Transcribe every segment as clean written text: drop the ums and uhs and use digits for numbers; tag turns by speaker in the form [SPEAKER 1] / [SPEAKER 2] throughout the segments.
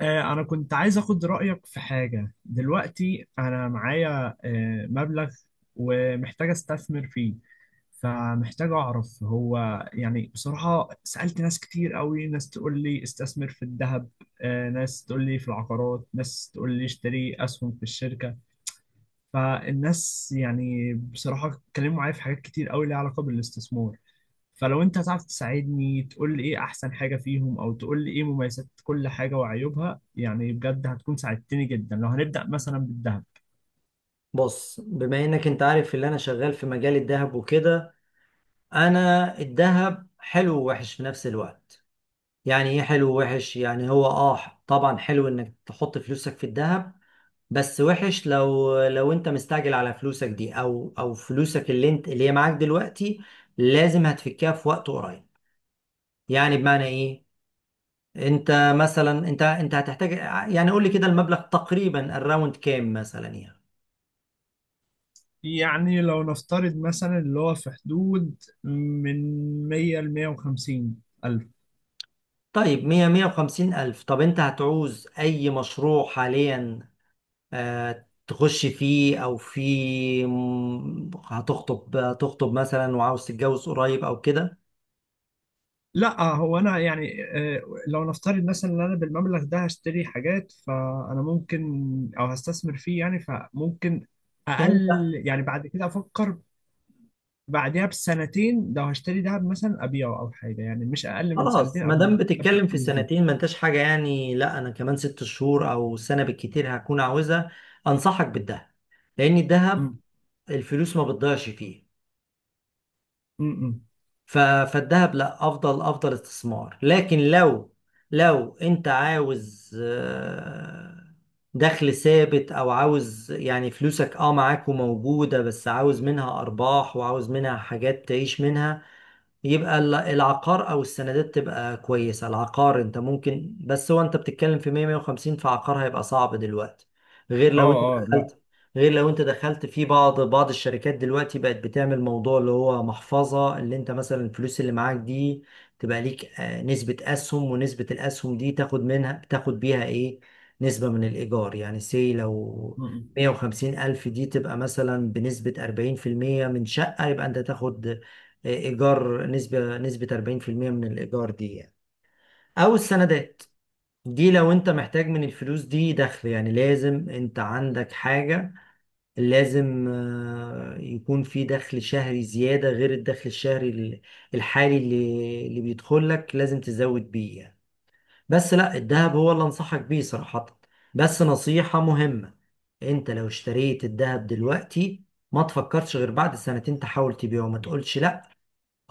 [SPEAKER 1] أنا كنت عايز أخد رأيك في حاجة. دلوقتي أنا معايا مبلغ ومحتاج أستثمر فيه. فمحتاج أعرف هو، يعني بصراحة سألت ناس كتير قوي. ناس تقول لي استثمر في الذهب، ناس تقول لي في العقارات، ناس تقول لي اشتري أسهم في الشركة. فالناس يعني بصراحة اتكلموا معايا في حاجات كتير قوي ليها علاقة بالاستثمار. فلو انت هتعرف تساعدني، تقول لي ايه احسن حاجة فيهم، او تقول لي ايه مميزات كل حاجة وعيوبها، يعني بجد هتكون ساعدتني جدا. لو هنبدأ مثلا بالذهب،
[SPEAKER 2] بص، بما انك انت عارف اللي انا شغال في مجال الذهب وكده. انا الذهب حلو ووحش في نفس الوقت. يعني ايه حلو ووحش؟ يعني هو اه طبعا حلو انك تحط فلوسك في الذهب، بس وحش لو انت مستعجل على فلوسك دي او فلوسك اللي انت اللي هي معاك دلوقتي، لازم هتفكها في وقت قريب. يعني بمعنى ايه؟ انت مثلا انت هتحتاج، يعني قول لي كده المبلغ تقريبا الراوند كام مثلا يعني.
[SPEAKER 1] يعني لو نفترض مثلا اللي هو في حدود من 100 ل 150 ألف.
[SPEAKER 2] طيب 100 150 ألف، طب أنت هتعوز أي مشروع حاليا تخش فيه، أو في هتخطب، هتخطب مثلا وعاوز تتجوز قريب أو كده
[SPEAKER 1] لا، هو أنا يعني، لو نفترض مثلا إن أنا بالمبلغ ده هشتري حاجات، فأنا ممكن، أو هستثمر فيه يعني، فممكن
[SPEAKER 2] يعني
[SPEAKER 1] أقل
[SPEAKER 2] أنت؟
[SPEAKER 1] يعني بعد كده أفكر. بعدها بسنتين لو هشتري دهب مثلا ابيعه او حاجه، يعني مش اقل من
[SPEAKER 2] خلاص،
[SPEAKER 1] سنتين.
[SPEAKER 2] ما
[SPEAKER 1] قبل
[SPEAKER 2] دام
[SPEAKER 1] قبل
[SPEAKER 2] بتتكلم في
[SPEAKER 1] الفلوس دي.
[SPEAKER 2] سنتين، ما أنتش حاجة يعني، لا أنا كمان ست شهور أو سنة بالكتير هكون عاوزها. أنصحك بالذهب، لأن الذهب
[SPEAKER 1] امم.
[SPEAKER 2] الفلوس ما بتضيعش فيه.
[SPEAKER 1] امم.
[SPEAKER 2] فالذهب لا، افضل استثمار. لكن لو انت عاوز دخل ثابت، او عاوز يعني فلوسك اه معاك وموجودة بس عاوز منها ارباح وعاوز منها حاجات تعيش منها، يبقى العقار او السندات تبقى كويسه. العقار انت ممكن، بس هو انت بتتكلم في 100 150 فعقار هيبقى صعب دلوقتي، غير
[SPEAKER 1] اه.
[SPEAKER 2] لو انت
[SPEAKER 1] اه. لا.
[SPEAKER 2] دخلت، غير لو انت دخلت في بعض الشركات دلوقتي بقت بتعمل موضوع اللي هو محفظه، اللي انت مثلا الفلوس اللي معاك دي تبقى ليك نسبه اسهم، ونسبه الاسهم دي تاخد منها تاخد بيها ايه؟ نسبه من الايجار. يعني سي لو
[SPEAKER 1] امم.
[SPEAKER 2] 150 ألف دي تبقى مثلا بنسبة 40% من شقة، يبقى أنت تاخد ايجار نسبه 40% من الايجار دي يعني. او السندات دي، لو انت محتاج من الفلوس دي دخل، يعني لازم انت عندك حاجه، لازم يكون في دخل شهري زياده غير الدخل الشهري الحالي اللي بيدخل لك، لازم تزود بيه يعني. بس لا، الذهب هو اللي انصحك بيه صراحه. بس نصيحه مهمه، انت لو اشتريت الذهب دلوقتي، ما تفكرش غير بعد سنتين تحاول تبيعه. ما تقولش لا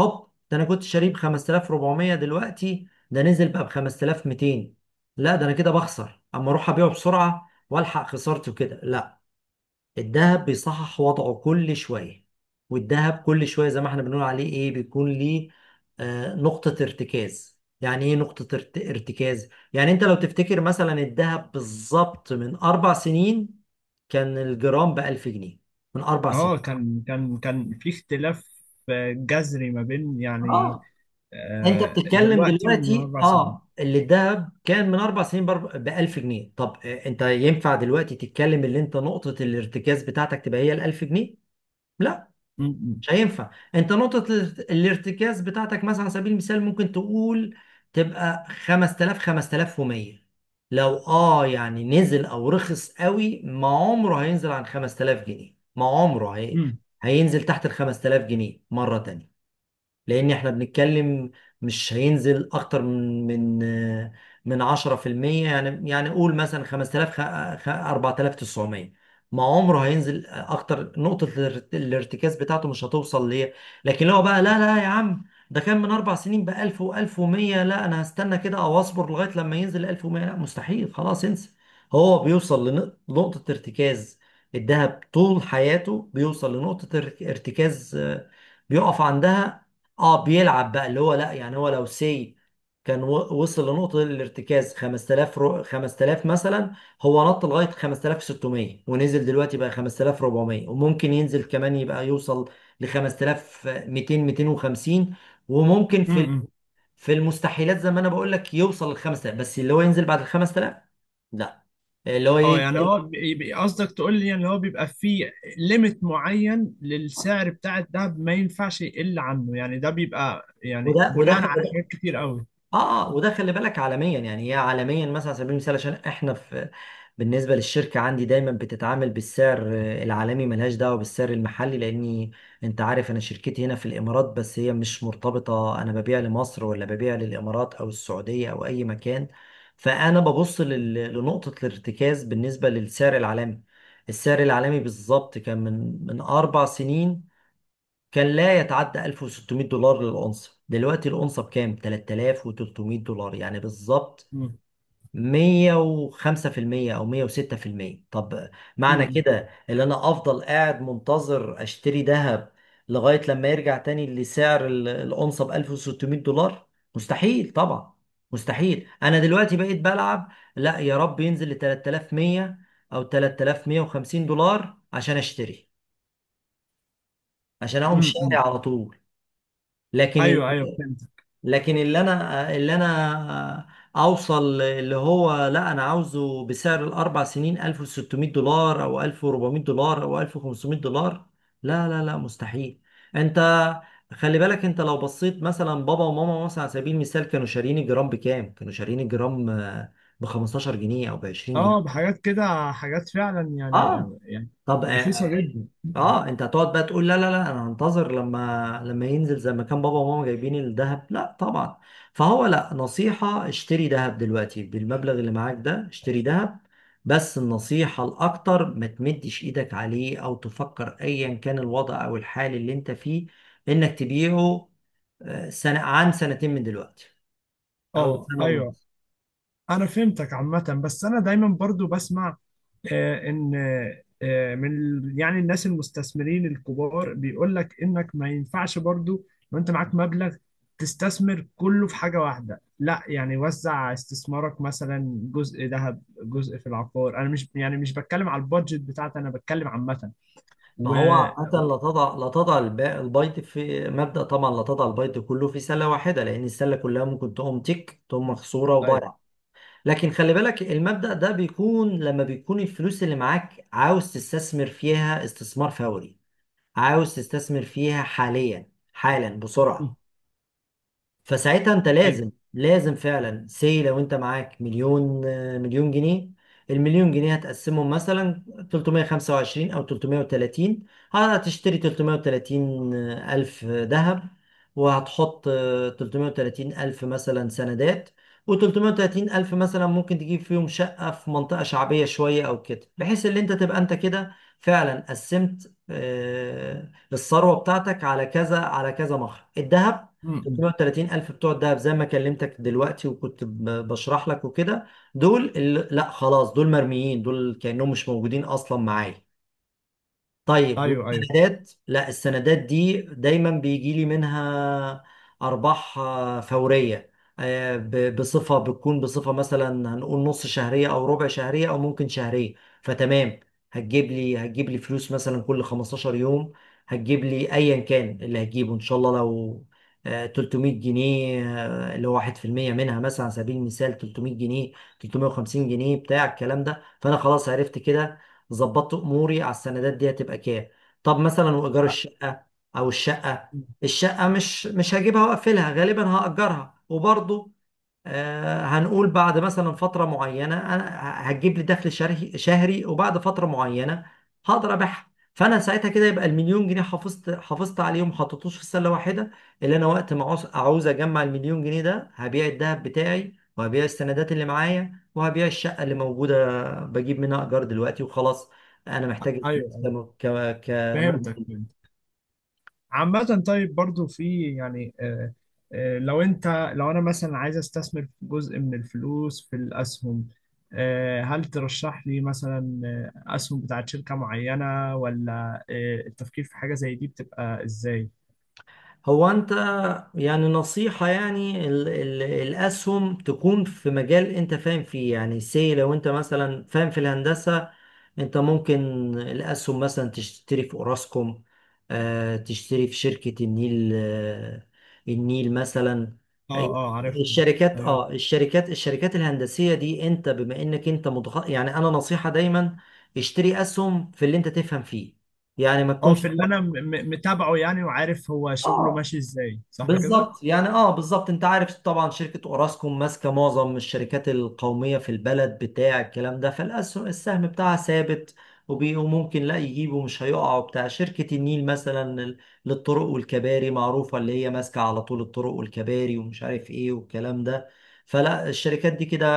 [SPEAKER 2] هوب، ده انا كنت شاريه ب 5400، دلوقتي ده نزل بقى ب 5200، لا ده انا كده بخسر، اما اروح ابيعه بسرعه والحق خسارته كده، لا. الذهب بيصحح وضعه كل شويه، والذهب كل شويه زي ما احنا بنقول عليه ايه، بيكون ليه نقطه ارتكاز. يعني ايه نقطه ارتكاز؟ يعني انت لو تفتكر مثلا، الذهب بالظبط من اربع سنين كان الجرام ب 1000 جنيه، من اربع
[SPEAKER 1] اه،
[SPEAKER 2] سنين.
[SPEAKER 1] كان في اختلاف جذري ما بين يعني،
[SPEAKER 2] اه انت بتتكلم
[SPEAKER 1] دلوقتي ومن
[SPEAKER 2] دلوقتي
[SPEAKER 1] 4 سنين.
[SPEAKER 2] اه اللي الذهب كان من اربع سنين ب 1000 جنيه، طب انت ينفع دلوقتي تتكلم اللي انت نقطة الارتكاز بتاعتك تبقى هي ال 1000 جنيه؟ لا،
[SPEAKER 1] امم.
[SPEAKER 2] مش هينفع. انت نقطة الارتكاز بتاعتك مثلا على سبيل المثال ممكن تقول تبقى 5000 5100. لو اه يعني نزل او رخص قوي، ما عمره هينزل عن 5000 جنيه. ما عمره
[SPEAKER 1] امم.
[SPEAKER 2] هينزل تحت ال 5000 جنيه مرة تانية، لان احنا بنتكلم مش هينزل اكتر من 10%. يعني يعني قول مثلا 5000 4900، ما عمره هينزل اكتر، نقطة الارتكاز بتاعته مش هتوصل ليه. لكن لو بقى لا لا يا عم، ده كان من اربع سنين ب 1000 و1100، لا انا هستنى كده او اصبر لغاية لما ينزل 1100، لا مستحيل، خلاص انسى. هو بيوصل لنقطة ارتكاز، الذهب طول حياته بيوصل لنقطة ارتكاز بيقف عندها. اه بيلعب بقى اللي هو لا، يعني هو لو سي كان وصل لنقطة الارتكاز 5000 5000 مثلا، هو نط لغاية 5600 ونزل دلوقتي بقى 5400، وممكن ينزل كمان يبقى يوصل ل 5200 250، وممكن في
[SPEAKER 1] امم.
[SPEAKER 2] في المستحيلات زي ما انا بقول لك يوصل ل 5000، بس اللي هو ينزل بعد ال 5000، لا. اللي هو
[SPEAKER 1] اه
[SPEAKER 2] ايه،
[SPEAKER 1] يعني هو قصدك تقول لي ان هو بيبقى فيه ليميت معين للسعر بتاع الدهب، ما ينفعش يقل عنه، يعني ده بيبقى يعني
[SPEAKER 2] وده وده
[SPEAKER 1] بناء على حاجات كتير قوي.
[SPEAKER 2] اه اه وده خلي بالك، عالميا. يعني هي عالميا مثلا على سبيل المثال، عشان احنا في، بالنسبه للشركه عندي دايما بتتعامل بالسعر العالمي، ملهاش دعوه بالسعر المحلي، لاني انت عارف انا شركتي هنا في الامارات، بس هي مش مرتبطه، انا ببيع لمصر ولا ببيع للامارات او السعوديه او اي مكان. فانا ببص لنقطه الارتكاز بالنسبه للسعر العالمي. السعر العالمي بالظبط كان من اربع سنين كان لا يتعدى 1600 دولار للأونصة، دلوقتي الأونصة بكام؟ 3300 دولار، يعني بالظبط 105% او 106%. طب معنى كده ان انا افضل قاعد منتظر اشتري ذهب لغاية لما يرجع تاني لسعر الأونصة ب 1600 دولار؟ مستحيل طبعا، مستحيل. انا دلوقتي بقيت بلعب لا يا رب ينزل ل 3100 او 3150 دولار عشان اشتري، عشان اقوم
[SPEAKER 1] امم.
[SPEAKER 2] شاري
[SPEAKER 1] امم.
[SPEAKER 2] على طول. لكن
[SPEAKER 1] ايوه، ايوه، فهمت.
[SPEAKER 2] اللي انا اوصل اللي هو لا انا عاوزه بسعر الاربع سنين 1600 دولار او 1400 دولار او 1500 دولار، لا لا لا مستحيل. انت خلي بالك، انت لو بصيت مثلا بابا وماما مثلا على سبيل المثال كانوا شارين الجرام بكام، كانوا شارين الجرام ب 15 جنيه او ب
[SPEAKER 1] اه،
[SPEAKER 2] 20.
[SPEAKER 1] بحاجات كده، حاجات فعلا يعني
[SPEAKER 2] اه
[SPEAKER 1] يعني
[SPEAKER 2] طب
[SPEAKER 1] رخيصه جدا.
[SPEAKER 2] انت هتقعد بقى تقول لا لا لا انا هنتظر لما ينزل زي ما كان بابا وماما جايبين الذهب؟ لا طبعا. فهو لا، نصيحة اشتري ذهب دلوقتي بالمبلغ اللي معاك ده، اشتري ذهب. بس النصيحة الأكتر، ما تمدش إيدك عليه أو تفكر أيا كان الوضع أو الحال اللي أنت فيه إنك تبيعه سنة عن سنتين من دلوقتي أو
[SPEAKER 1] اه،
[SPEAKER 2] سنة
[SPEAKER 1] ايوه
[SPEAKER 2] ونص.
[SPEAKER 1] انا فهمتك عامه، بس انا دايما برضو بسمع ان من يعني الناس المستثمرين الكبار بيقول لك انك ما ينفعش برضو. لو انت معاك مبلغ تستثمر كله في حاجه واحده، لا يعني وزع استثمارك، مثلا جزء ذهب، جزء في العقار. انا مش، يعني مش بتكلم على البادجت بتاعتي، انا بتكلم عامه.
[SPEAKER 2] ما
[SPEAKER 1] و.
[SPEAKER 2] هو عامة، لا تضع لا تضع الب- البيض في مبدأ طبعا، لا تضع البيض كله في سلة واحدة، لأن السلة كلها ممكن تقوم مكسورة وضايعة. لكن خلي بالك، المبدأ ده بيكون لما بيكون الفلوس اللي معاك عاوز تستثمر فيها استثمار فوري، عاوز تستثمر فيها حاليا حالا بسرعة. فساعتها انت
[SPEAKER 1] ايوه.
[SPEAKER 2] لازم، فعلا، سي لو انت معاك مليون مليون جنيه، المليون جنيه هتقسمهم مثلا 325 او 330، هتشتري 330 الف ذهب، وهتحط 330 الف مثلا سندات، و330 الف مثلا ممكن تجيب فيهم شقة في منطقة شعبية شوية او كده، بحيث ان انت تبقى انت كده فعلا قسمت الثروة بتاعتك على كذا على كذا. مخرج الذهب
[SPEAKER 1] امم.
[SPEAKER 2] 330 ألف بتوع الدهب زي ما كلمتك دلوقتي وكنت بشرح لك وكده، دول اللي لا خلاص، دول مرميين، دول كأنهم مش موجودين أصلا معايا. طيب
[SPEAKER 1] ايوه، ايوه،
[SPEAKER 2] والسندات، لا السندات دي دايما بيجي لي منها ارباح فوريه، بصفه، بتكون بصفه مثلا هنقول نص شهريه او ربع شهريه او ممكن شهريه، فتمام. هتجيب لي فلوس مثلا كل 15 يوم، هتجيب لي ايا كان اللي هتجيبه ان شاء الله، لو 300 جنيه اللي هو 1% منها مثلا على سبيل المثال، 300 جنيه 350 جنيه بتاع الكلام ده، فانا خلاص عرفت كده، ظبطت اموري، على السندات دي هتبقى كام. طب مثلا وايجار
[SPEAKER 1] أ-
[SPEAKER 2] الشقه، او الشقه الشقه مش هجيبها واقفلها، غالبا هاجرها. وبرضه هنقول بعد مثلا فترة معينة، أنا هتجيب لي دخل شهري، وبعد فترة معينة هقدر أبيعها. فأنا ساعتها كده يبقى المليون جنيه حافظت عليهم، ما حطيتوش في سلة واحدة. اللي أنا وقت ما عاوز أجمع المليون جنيه ده، هبيع الذهب بتاعي وهبيع السندات اللي معايا وهبيع الشقة اللي موجودة بجيب منها إيجار دلوقتي، وخلاص أنا محتاج
[SPEAKER 1] ايوه،
[SPEAKER 2] الفلوس
[SPEAKER 1] أيوة.
[SPEAKER 2] ده
[SPEAKER 1] فهمتك
[SPEAKER 2] كمجمل.
[SPEAKER 1] فهمتك. عامة طيب، برضو في يعني، لو انت، لو انا مثلا عايز استثمر جزء من الفلوس في الاسهم، هل ترشح لي مثلا اسهم بتاعت شركة معينة، ولا التفكير في حاجة زي دي بتبقى ازاي؟
[SPEAKER 2] هو انت يعني نصيحة، يعني ال ال الأسهم تكون في مجال انت فاهم فيه. يعني سي لو انت مثلا فاهم في الهندسة، انت ممكن الأسهم مثلا تشتري في اوراسكوم تشتري في شركة النيل النيل مثلا، أي-
[SPEAKER 1] اه، اه، عارفها.
[SPEAKER 2] الشركات
[SPEAKER 1] ايوه.
[SPEAKER 2] الشركات الهندسية دي، انت بما انك انت يعني انا نصيحة دايما اشتري أسهم في اللي انت تفهم فيه. يعني ما
[SPEAKER 1] اه
[SPEAKER 2] تكونش
[SPEAKER 1] في اللي انا متابعه يعني، وعارف هو شغله
[SPEAKER 2] اه،
[SPEAKER 1] ماشي ازاي، صح كده؟
[SPEAKER 2] بالظبط. يعني اه بالظبط، انت عارف طبعا شركة اوراسكوم ماسكة معظم الشركات القومية في البلد بتاع الكلام ده، فالسهم بتاعها ثابت، وممكن لا يجيبه، مش هيقع وبتاع. شركة النيل مثلا للطرق والكباري معروفة، اللي هي ماسكة على طول الطرق والكباري ومش عارف ايه والكلام ده. فلا، الشركات دي كده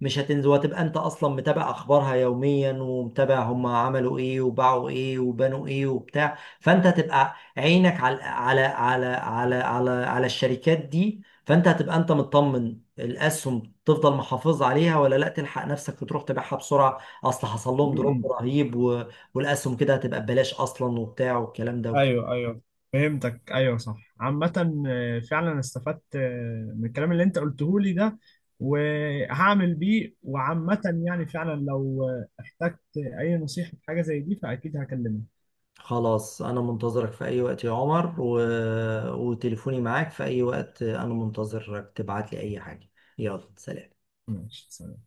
[SPEAKER 2] مش هتنزل، وهتبقى انت اصلا متابع اخبارها يوميا، ومتابع هم عملوا ايه وباعوا ايه وبنوا ايه وبتاع. فانت هتبقى عينك على الشركات دي، فانت هتبقى انت مطمن الاسهم تفضل محافظ عليها، ولا لا تلحق نفسك وتروح تبيعها بسرعه اصل حصل
[SPEAKER 1] م-
[SPEAKER 2] لهم دروب
[SPEAKER 1] م.
[SPEAKER 2] رهيب و... والاسهم كده هتبقى ببلاش اصلا وبتاع والكلام ده وكده.
[SPEAKER 1] ايوه، ايوه، فهمتك. ايوه صح. عامة فعلا استفدت من الكلام اللي انت قلته لي ده، وهعمل بيه. وعامة يعني فعلا لو احتجت اي نصيحة في حاجة زي دي، فاكيد هكلمك.
[SPEAKER 2] خلاص، انا منتظرك في اي وقت يا عمر و... وتليفوني معاك في اي وقت، انا منتظرك تبعت لي اي حاجه. يلا سلام.
[SPEAKER 1] ماشي، سلام.